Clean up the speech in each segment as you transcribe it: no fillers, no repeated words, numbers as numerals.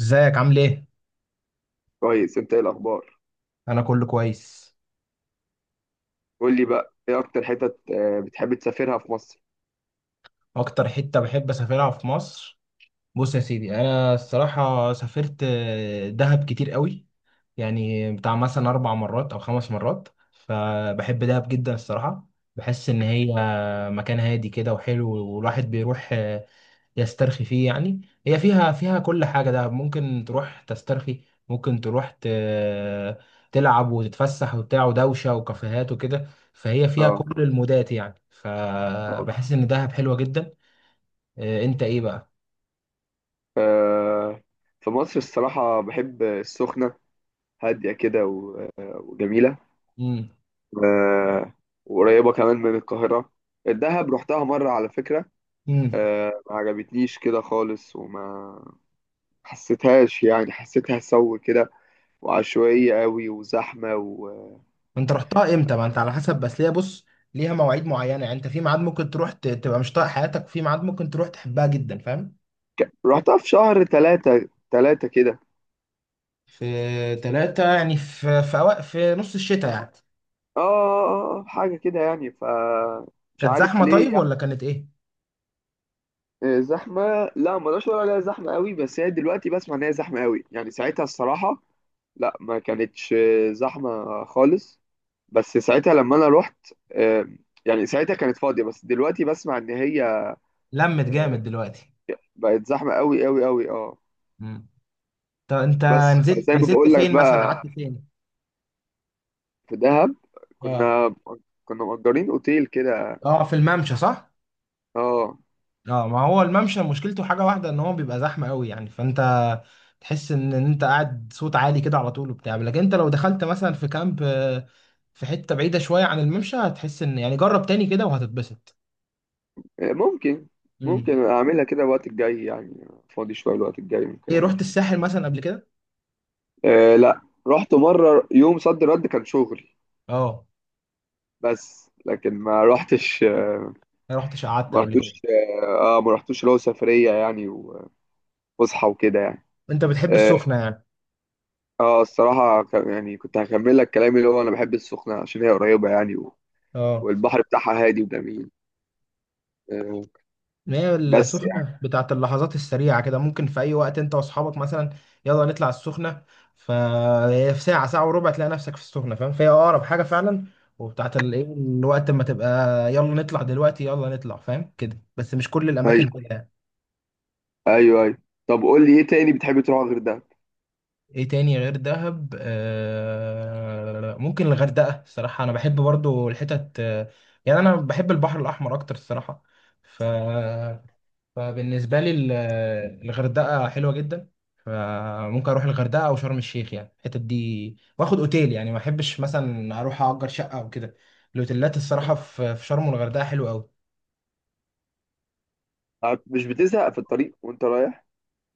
ازيك عامل ايه؟ كويس. انت ايه الاخبار؟ انا كله كويس. قول لي بقى، ايه اكتر حتت بتحب تسافرها في مصر؟ اكتر حتة بحب اسافرها في مصر، بص يا سيدي، انا الصراحة سافرت دهب كتير قوي، يعني بتاع مثلا 4 مرات او 5 مرات، فبحب دهب جدا الصراحة. بحس ان هي مكان هادي كده وحلو، والواحد بيروح يسترخي فيه يعني. هي فيها كل حاجة، ده ممكن تروح تسترخي، ممكن تروح تلعب وتتفسح وبتاع ودوشة وكافيهات وكده. فهي فيها اه، كل المودات يعني، طبعا. فبحس إن دهب حلوة جدا. إيه، أنت إيه بقى؟ آه، في مصر الصراحة بحب السخنة. هادية كده وجميلة. مم. آه، وقريبة كمان من القاهرة. الدهب رحتها مرة على فكرة. مم. ما عجبتنيش كده خالص، وما حسيتهاش، يعني حسيتها سو كده، وعشوائية قوي، وزحمة أنت رحتها إمتى؟ ما أنت على حسب، بس ليها بص، ليها مواعيد معينة يعني. أنت في ميعاد ممكن تروح تبقى مش طايق حياتك، وفي ميعاد ممكن تروح تحبها جدا، فاهم؟ رحتها في شهر تلاتة كده. في تلاتة يعني، في نص الشتاء يعني. حاجة كده يعني. مش كانت عارف زحمة ليه طيب يعني. ولا كانت إيه؟ آه، زحمة. لا، ما اقدرش اقول عليها زحمة قوي، بس هي دلوقتي بسمع ان هي زحمة قوي. يعني ساعتها الصراحة، لا، ما كانتش زحمة خالص. بس ساعتها لما انا رحت، يعني ساعتها كانت فاضية. بس دلوقتي بسمع ان هي لمت آه، جامد دلوقتي. بقت زحمة قوي قوي قوي، اه. مم. طب انت بس بس فزي نزلت ما نزلت بقول لك فين مثلا، بقى، قعدت فين؟ في دهب اه. كنا كنا مأجرين اوتيل كده. اه في الممشى صح. اه. اه، ما هو الممشى مشكلته حاجه واحده، ان هو بيبقى زحمه قوي يعني، فانت تحس ان انت قاعد صوت عالي كده على طول وبتاع، لكن انت لو دخلت مثلا في كامب في حته بعيده شويه عن الممشى هتحس ان يعني، جرب تاني كده وهتتبسط. ممكن امم. ممكن اعملها كده الوقت الجاي، يعني فاضي شويه الوقت الجاي ممكن ايه رحت اعملها. الساحل مثلا قبل كده؟ أه، لا. رحت مره يوم صد رد، كان شغلي. اه بس لكن ما رحتش. ما رحتش قعدت ما قبل رحتوش. كده؟ اه، ما رحتوش اللي هو سفريه يعني، وفسحه وكده يعني. انت بتحب اه. السخنه يعني؟ الصراحه يعني كنت هكمل لك كلامي، اللي هو انا بحب السخنه عشان هي قريبه يعني. اه. والبحر بتاعها هادي وجميل. أه. ما هي بس يعني، السخنة بتاعت اللحظات السريعة كده، ممكن في أي وقت أنت وأصحابك مثلا، يلا نطلع السخنة، فهي في ساعة ساعة وربع تلاقي نفسك في السخنة فاهم، فهي أقرب حاجة فعلا، وبتاعت الإيه الوقت ما تبقى، يلا نطلع دلوقتي، يلا نطلع فاهم كده، بس مش كل الأماكن ايوه، كده يعني. ايوه، ايوه. طب قول لي ايه تاني بتحب تروح غير ده؟ إيه تاني غير دهب؟ آه ممكن الغردقة الصراحة، أنا بحب برضو الحتت يعني أنا بحب البحر الأحمر أكتر الصراحة. ف فبالنسبة لي الغردقة حلوة جدا، فممكن اروح الغردقة او شرم الشيخ، يعني الحتت دي واخد اوتيل، يعني ما احبش مثلا اروح اجر شقة او كده. الاوتيلات الصراحة في شرم والغردقة حلوة قوي. مش بتزهق في الطريق وانت رايح؟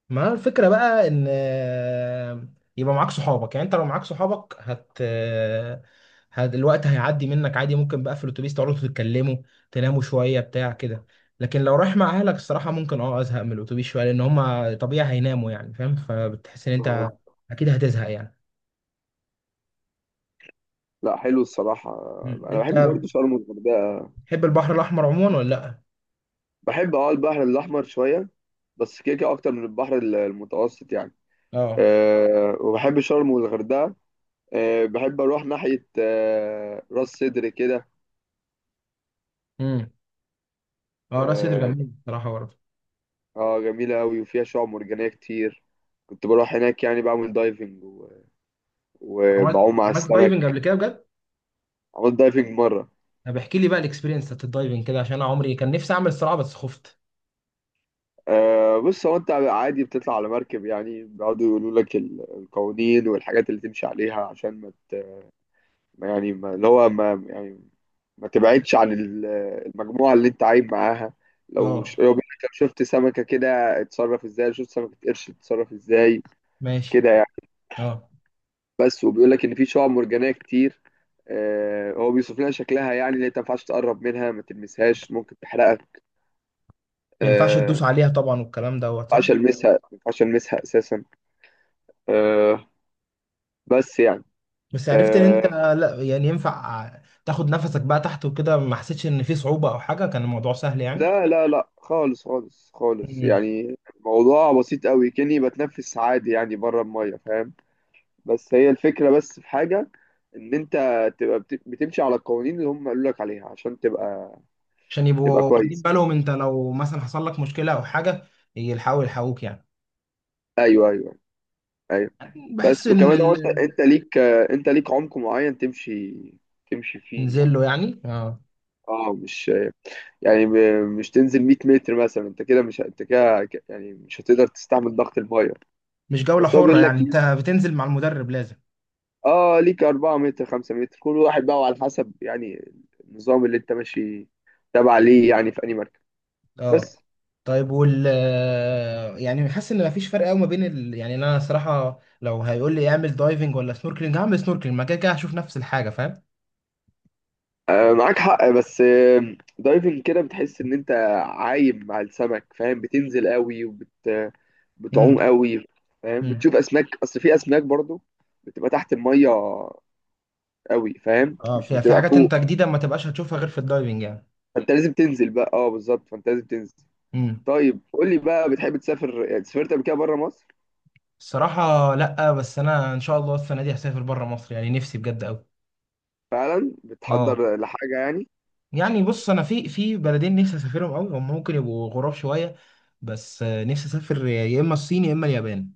ما الفكرة بقى ان يبقى معاك صحابك، يعني انت لو معاك صحابك الوقت هيعدي منك عادي، ممكن بقى في الاتوبيس تقعدوا تتكلموا، تناموا شوية بتاع كده. لكن لو رايح مع اهلك الصراحة، ممكن اه ازهق من الاتوبيس شوية، لان هما طبيعي هيناموا يعني فاهم، فبتحس ان آه. انت اكيد هتزهق يعني. لا، حلو الصراحة. مم. أنا انت بحب برضه شرم والغردقة. بتحب البحر الاحمر عموما ولا لا؟ بحب البحر الأحمر شوية. بس كده كده أكتر من البحر المتوسط يعني. اه. أه، وبحب شرم والغردقة. أه، بحب أروح ناحية راس سدر كده. امم. اه راس سدر أه. جميل بصراحة برضه. جميلة أوي وفيها شعاب مرجانية كتير. كنت بروح هناك، يعني بعمل دايفنج عملت وبعوم على عملت السمك. دايفنج قبل كده بجد؟ عملت دايفنج مرة. طب احكي لي بقى الاكسبيرينس بتاعت الدايفنج كده، عشان انا عمري كان نفسي اعمل الصراحة بس خفت. أه، بص، هو أنت عادي بتطلع على مركب، يعني بيقعدوا يقولوا لك القوانين والحاجات اللي تمشي عليها، عشان ما، ما يعني، ما اللي هو ما يعني، ما تبعدش عن المجموعة اللي انت عايب معاها. اه. لو بيقولك، لو شفت سمكة كده اتصرف ازاي، لو شفت سمكة قرش اتصرف ازاي، ماشي. كده يعني. اه بس وبيقول لك ان في شعاب مرجانية كتير. آه، هو بيوصف لنا شكلها، يعني اللي انت ما ينفعش تقرب منها، ما تلمسهاش، ممكن تحرقك. ما ينفعش آه. تدوس عليها طبعا والكلام دوت ما صح. ينفعش المسها ما ينفعش المسها اساسا. آه. بس يعني، بس عرفت ان انت آه، لا يعني ينفع تاخد نفسك بقى تحت وكده، ما حسيتش ان في صعوبة او حاجة، كان الموضوع سهل يعني؟ لا لا لا، خالص خالص خالص، مم. يعني الموضوع بسيط قوي كأني بتنفس عادي يعني بره المية، فاهم؟ بس هي الفكرة، بس في حاجة، ان انت تبقى بتمشي على القوانين اللي هم قالوا لك عليها، عشان تبقى، عشان تبقى يبقوا واخدين كويس. بالهم انت لو مثلا حصل لك مشكلة او حاجة يلحقوا يلحقوك يعني. ايوه، ايوه، ايوه. بحس بس ان وكمان هو انت انت ليك، انت ليك عمق معين تمشي فيه ننزل يعني. له يعني اه. اه، مش يعني مش تنزل 100 متر مثلا، انت كده يعني مش هتقدر تستحمل ضغط المية. مش جولة بس هو حرة بيقول لك، يعني، انت بتنزل مع المدرب لازم. اه، ليك 4 متر، 5 متر، كل واحد بقى على حسب يعني، النظام اللي انت ماشي تابع ليه يعني في انهي مركب. اه. بس، طيب يعني حاسس ان مفيش فرق قوي ما بين يعني انا صراحه لو هيقول لي اعمل دايفنج ولا سنوركلينج هعمل سنوركلينج، ما كده كده هشوف نفس الحاجه فاهم. معاك حق. بس دايفنج كده بتحس ان انت عايم مع السمك، فاهم؟ بتنزل قوي امم. بتعوم قوي، فاهم؟ امم. بتشوف اسماك، اصل في اسماك برضو بتبقى تحت المية قوي، فاهم؟ اه مش في بتبقى حاجات فوق. انت جديده ما تبقاش هتشوفها غير في الدايفنج يعني. فانت لازم تنزل بقى، اه، بالظبط، فانت لازم تنزل. امم. طيب قول لي بقى، بتحب تسافر؟ سافرت قبل كده بره مصر؟ الصراحه لا، بس انا ان شاء الله السنه دي هسافر بره مصر يعني نفسي بجد قوي. فعلا اه. بتحضر لحاجة يعني؟ يعني بص انا في بلدين نفسي اسافرهم قوي، هم ممكن يبقوا غراب شويه، بس نفسي اسافر يا اما الصين يا اما اليابان.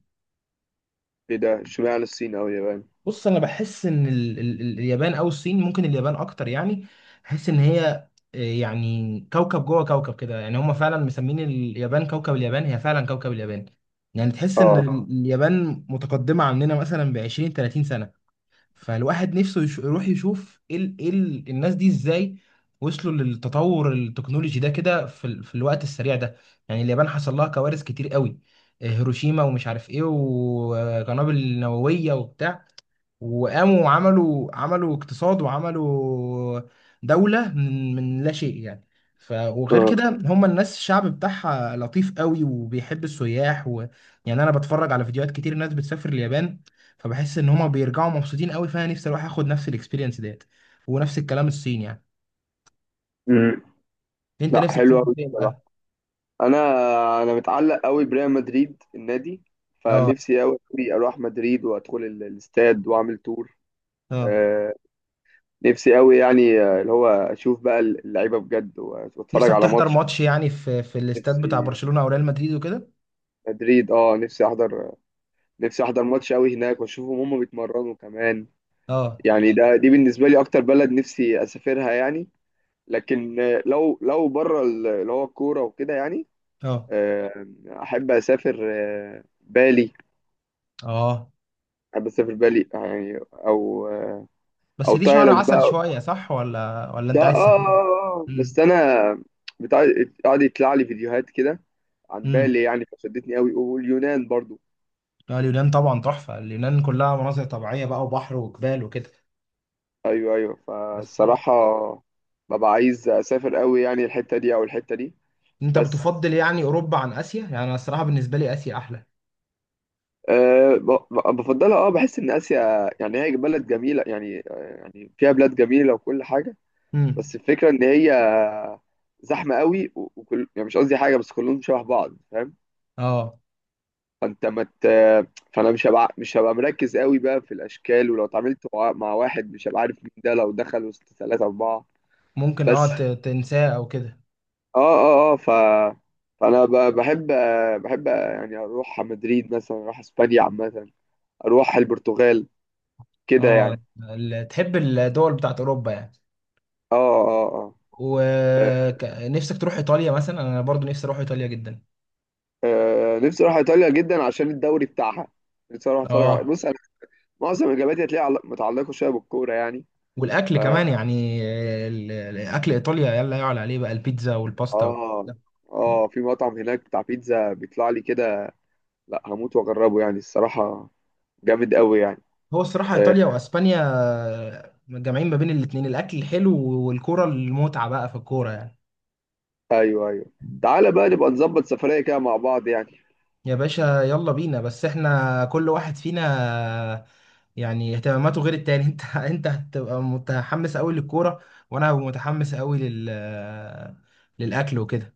ايه ده؟ اشمعنى الصين او اليابان؟ بص انا بحس ان اليابان او الصين، ممكن اليابان اكتر يعني. بحس ان هي يعني كوكب جوه كوكب كده، يعني هم فعلا مسمين اليابان كوكب اليابان، هي فعلا كوكب اليابان. يعني تحس ان اه، اليابان متقدمة عننا مثلا ب 20 30 سنة. فالواحد نفسه يروح يشوف ايه الناس دي ازاي وصلوا للتطور التكنولوجي ده كده في الوقت السريع ده. يعني اليابان حصل لها كوارث كتير قوي، هيروشيما ومش عارف ايه وقنابل نووية وبتاع، وقاموا وعملوا اقتصاد وعملوا دولة من لا شيء يعني. وغير اه. كده هم الناس الشعب بتاعها لطيف قوي وبيحب السياح يعني انا بتفرج على فيديوهات كتير ناس بتسافر اليابان، فبحس ان هم بيرجعوا مبسوطين قوي، فانا نفسي اروح اخد نفس الاكسبيرينس ديت، ونفس الكلام الصين يعني. مم. انت لا، نفسك حلو تسافر قوي فين بصراحه. بقى؟ انا انا متعلق قوي بريال مدريد النادي، اه. فنفسي قوي اروح مدريد وادخل الاستاد واعمل تور. اه. آه، نفسي قوي يعني، اللي هو اشوف بقى اللعيبه بجد واتفرج نفسك على تحضر ماتش. ماتش يعني في الاستاد بتاع نفسي برشلونة او ريال مدريد وكده؟ مدريد، اه، نفسي احضر ماتش قوي هناك واشوفهم هم بيتمرنوا كمان. اه. يعني دي بالنسبه لي اكتر بلد نفسي اسافرها يعني. لكن لو بره اللي هو الكوره وكده يعني، اه. آه، احب اسافر بالي. اه. احب اسافر بالي يعني، او بس او دي شهر تايلاند عسل بقى. شوية صح، ولا ده، أنت عايز سفينة؟ امم. بس انا، بتاع، قاعد يطلع لي فيديوهات كده عن امم. بالي يعني، فشدتني قوي، واليونان برضو. لا اليونان طبعا تحفة، اليونان كلها مناظر طبيعية بقى وبحر وجبال وكده. ايوه، ايوه، بس فالصراحه ببقى عايز اسافر قوي يعني الحته دي او الحته دي. أنت بس، بتفضل يعني أوروبا عن آسيا؟ يعني أنا الصراحة بالنسبة لي آسيا أحلى. أه، بفضلها، بحس ان اسيا يعني هي بلد جميله يعني، يعني فيها بلاد جميله وكل حاجه. بس امم. الفكرة إن هي زحمة قوي، وكل، يعني مش قصدي حاجة، بس كلهم شبه بعض، فاهم؟ اه فأنت ما مت... فأنا مش هبقى مركز قوي بقى في الأشكال، ولو اتعاملت مع واحد مش هبقى عارف مين ده لو دخل وسط ثلاثة أربعة. ممكن اه بس تنساه أو كده. آه آه آه ف فأنا بحب يعني أروح على مدريد مثلا، أروح إسبانيا عامة، أروح البرتغال كده اه يعني. تحب الدول بتاعت أوروبا يعني؟ آه آه آه ونفسك تروح إيطاليا مثلا؟ أنا برضو نفسي أروح إيطاليا جدا. نفسي اروح ايطاليا جدا عشان الدوري بتاعها. نفسي اروح اتفرج على، اه. بص، معظم اجاباتي هتلاقيها متعلقه شويه بالكوره يعني. والاكل ف كمان يعني الاكل ايطاليا يلا يعلى عليه بقى البيتزا والباستا. اه اه في مطعم هناك بتاع بيتزا بيطلع لي كده. لا، هموت واجربه يعني الصراحه، جامد قوي يعني. هو الصراحة آه. إيطاليا وأسبانيا جامعين ما بين الاتنين الأكل الحلو والكورة، المتعة بقى في الكورة يعني. ايوه، ايوه. تعالى بقى نبقى نظبط سفريه كده مع بعض يعني. يا باشا يلا بينا، بس إحنا كل واحد فينا يعني اهتماماته غير التاني أنت هتبقى متحمس أوي للكورة، وأنا هبقى متحمس أوي لل، للأكل وكده.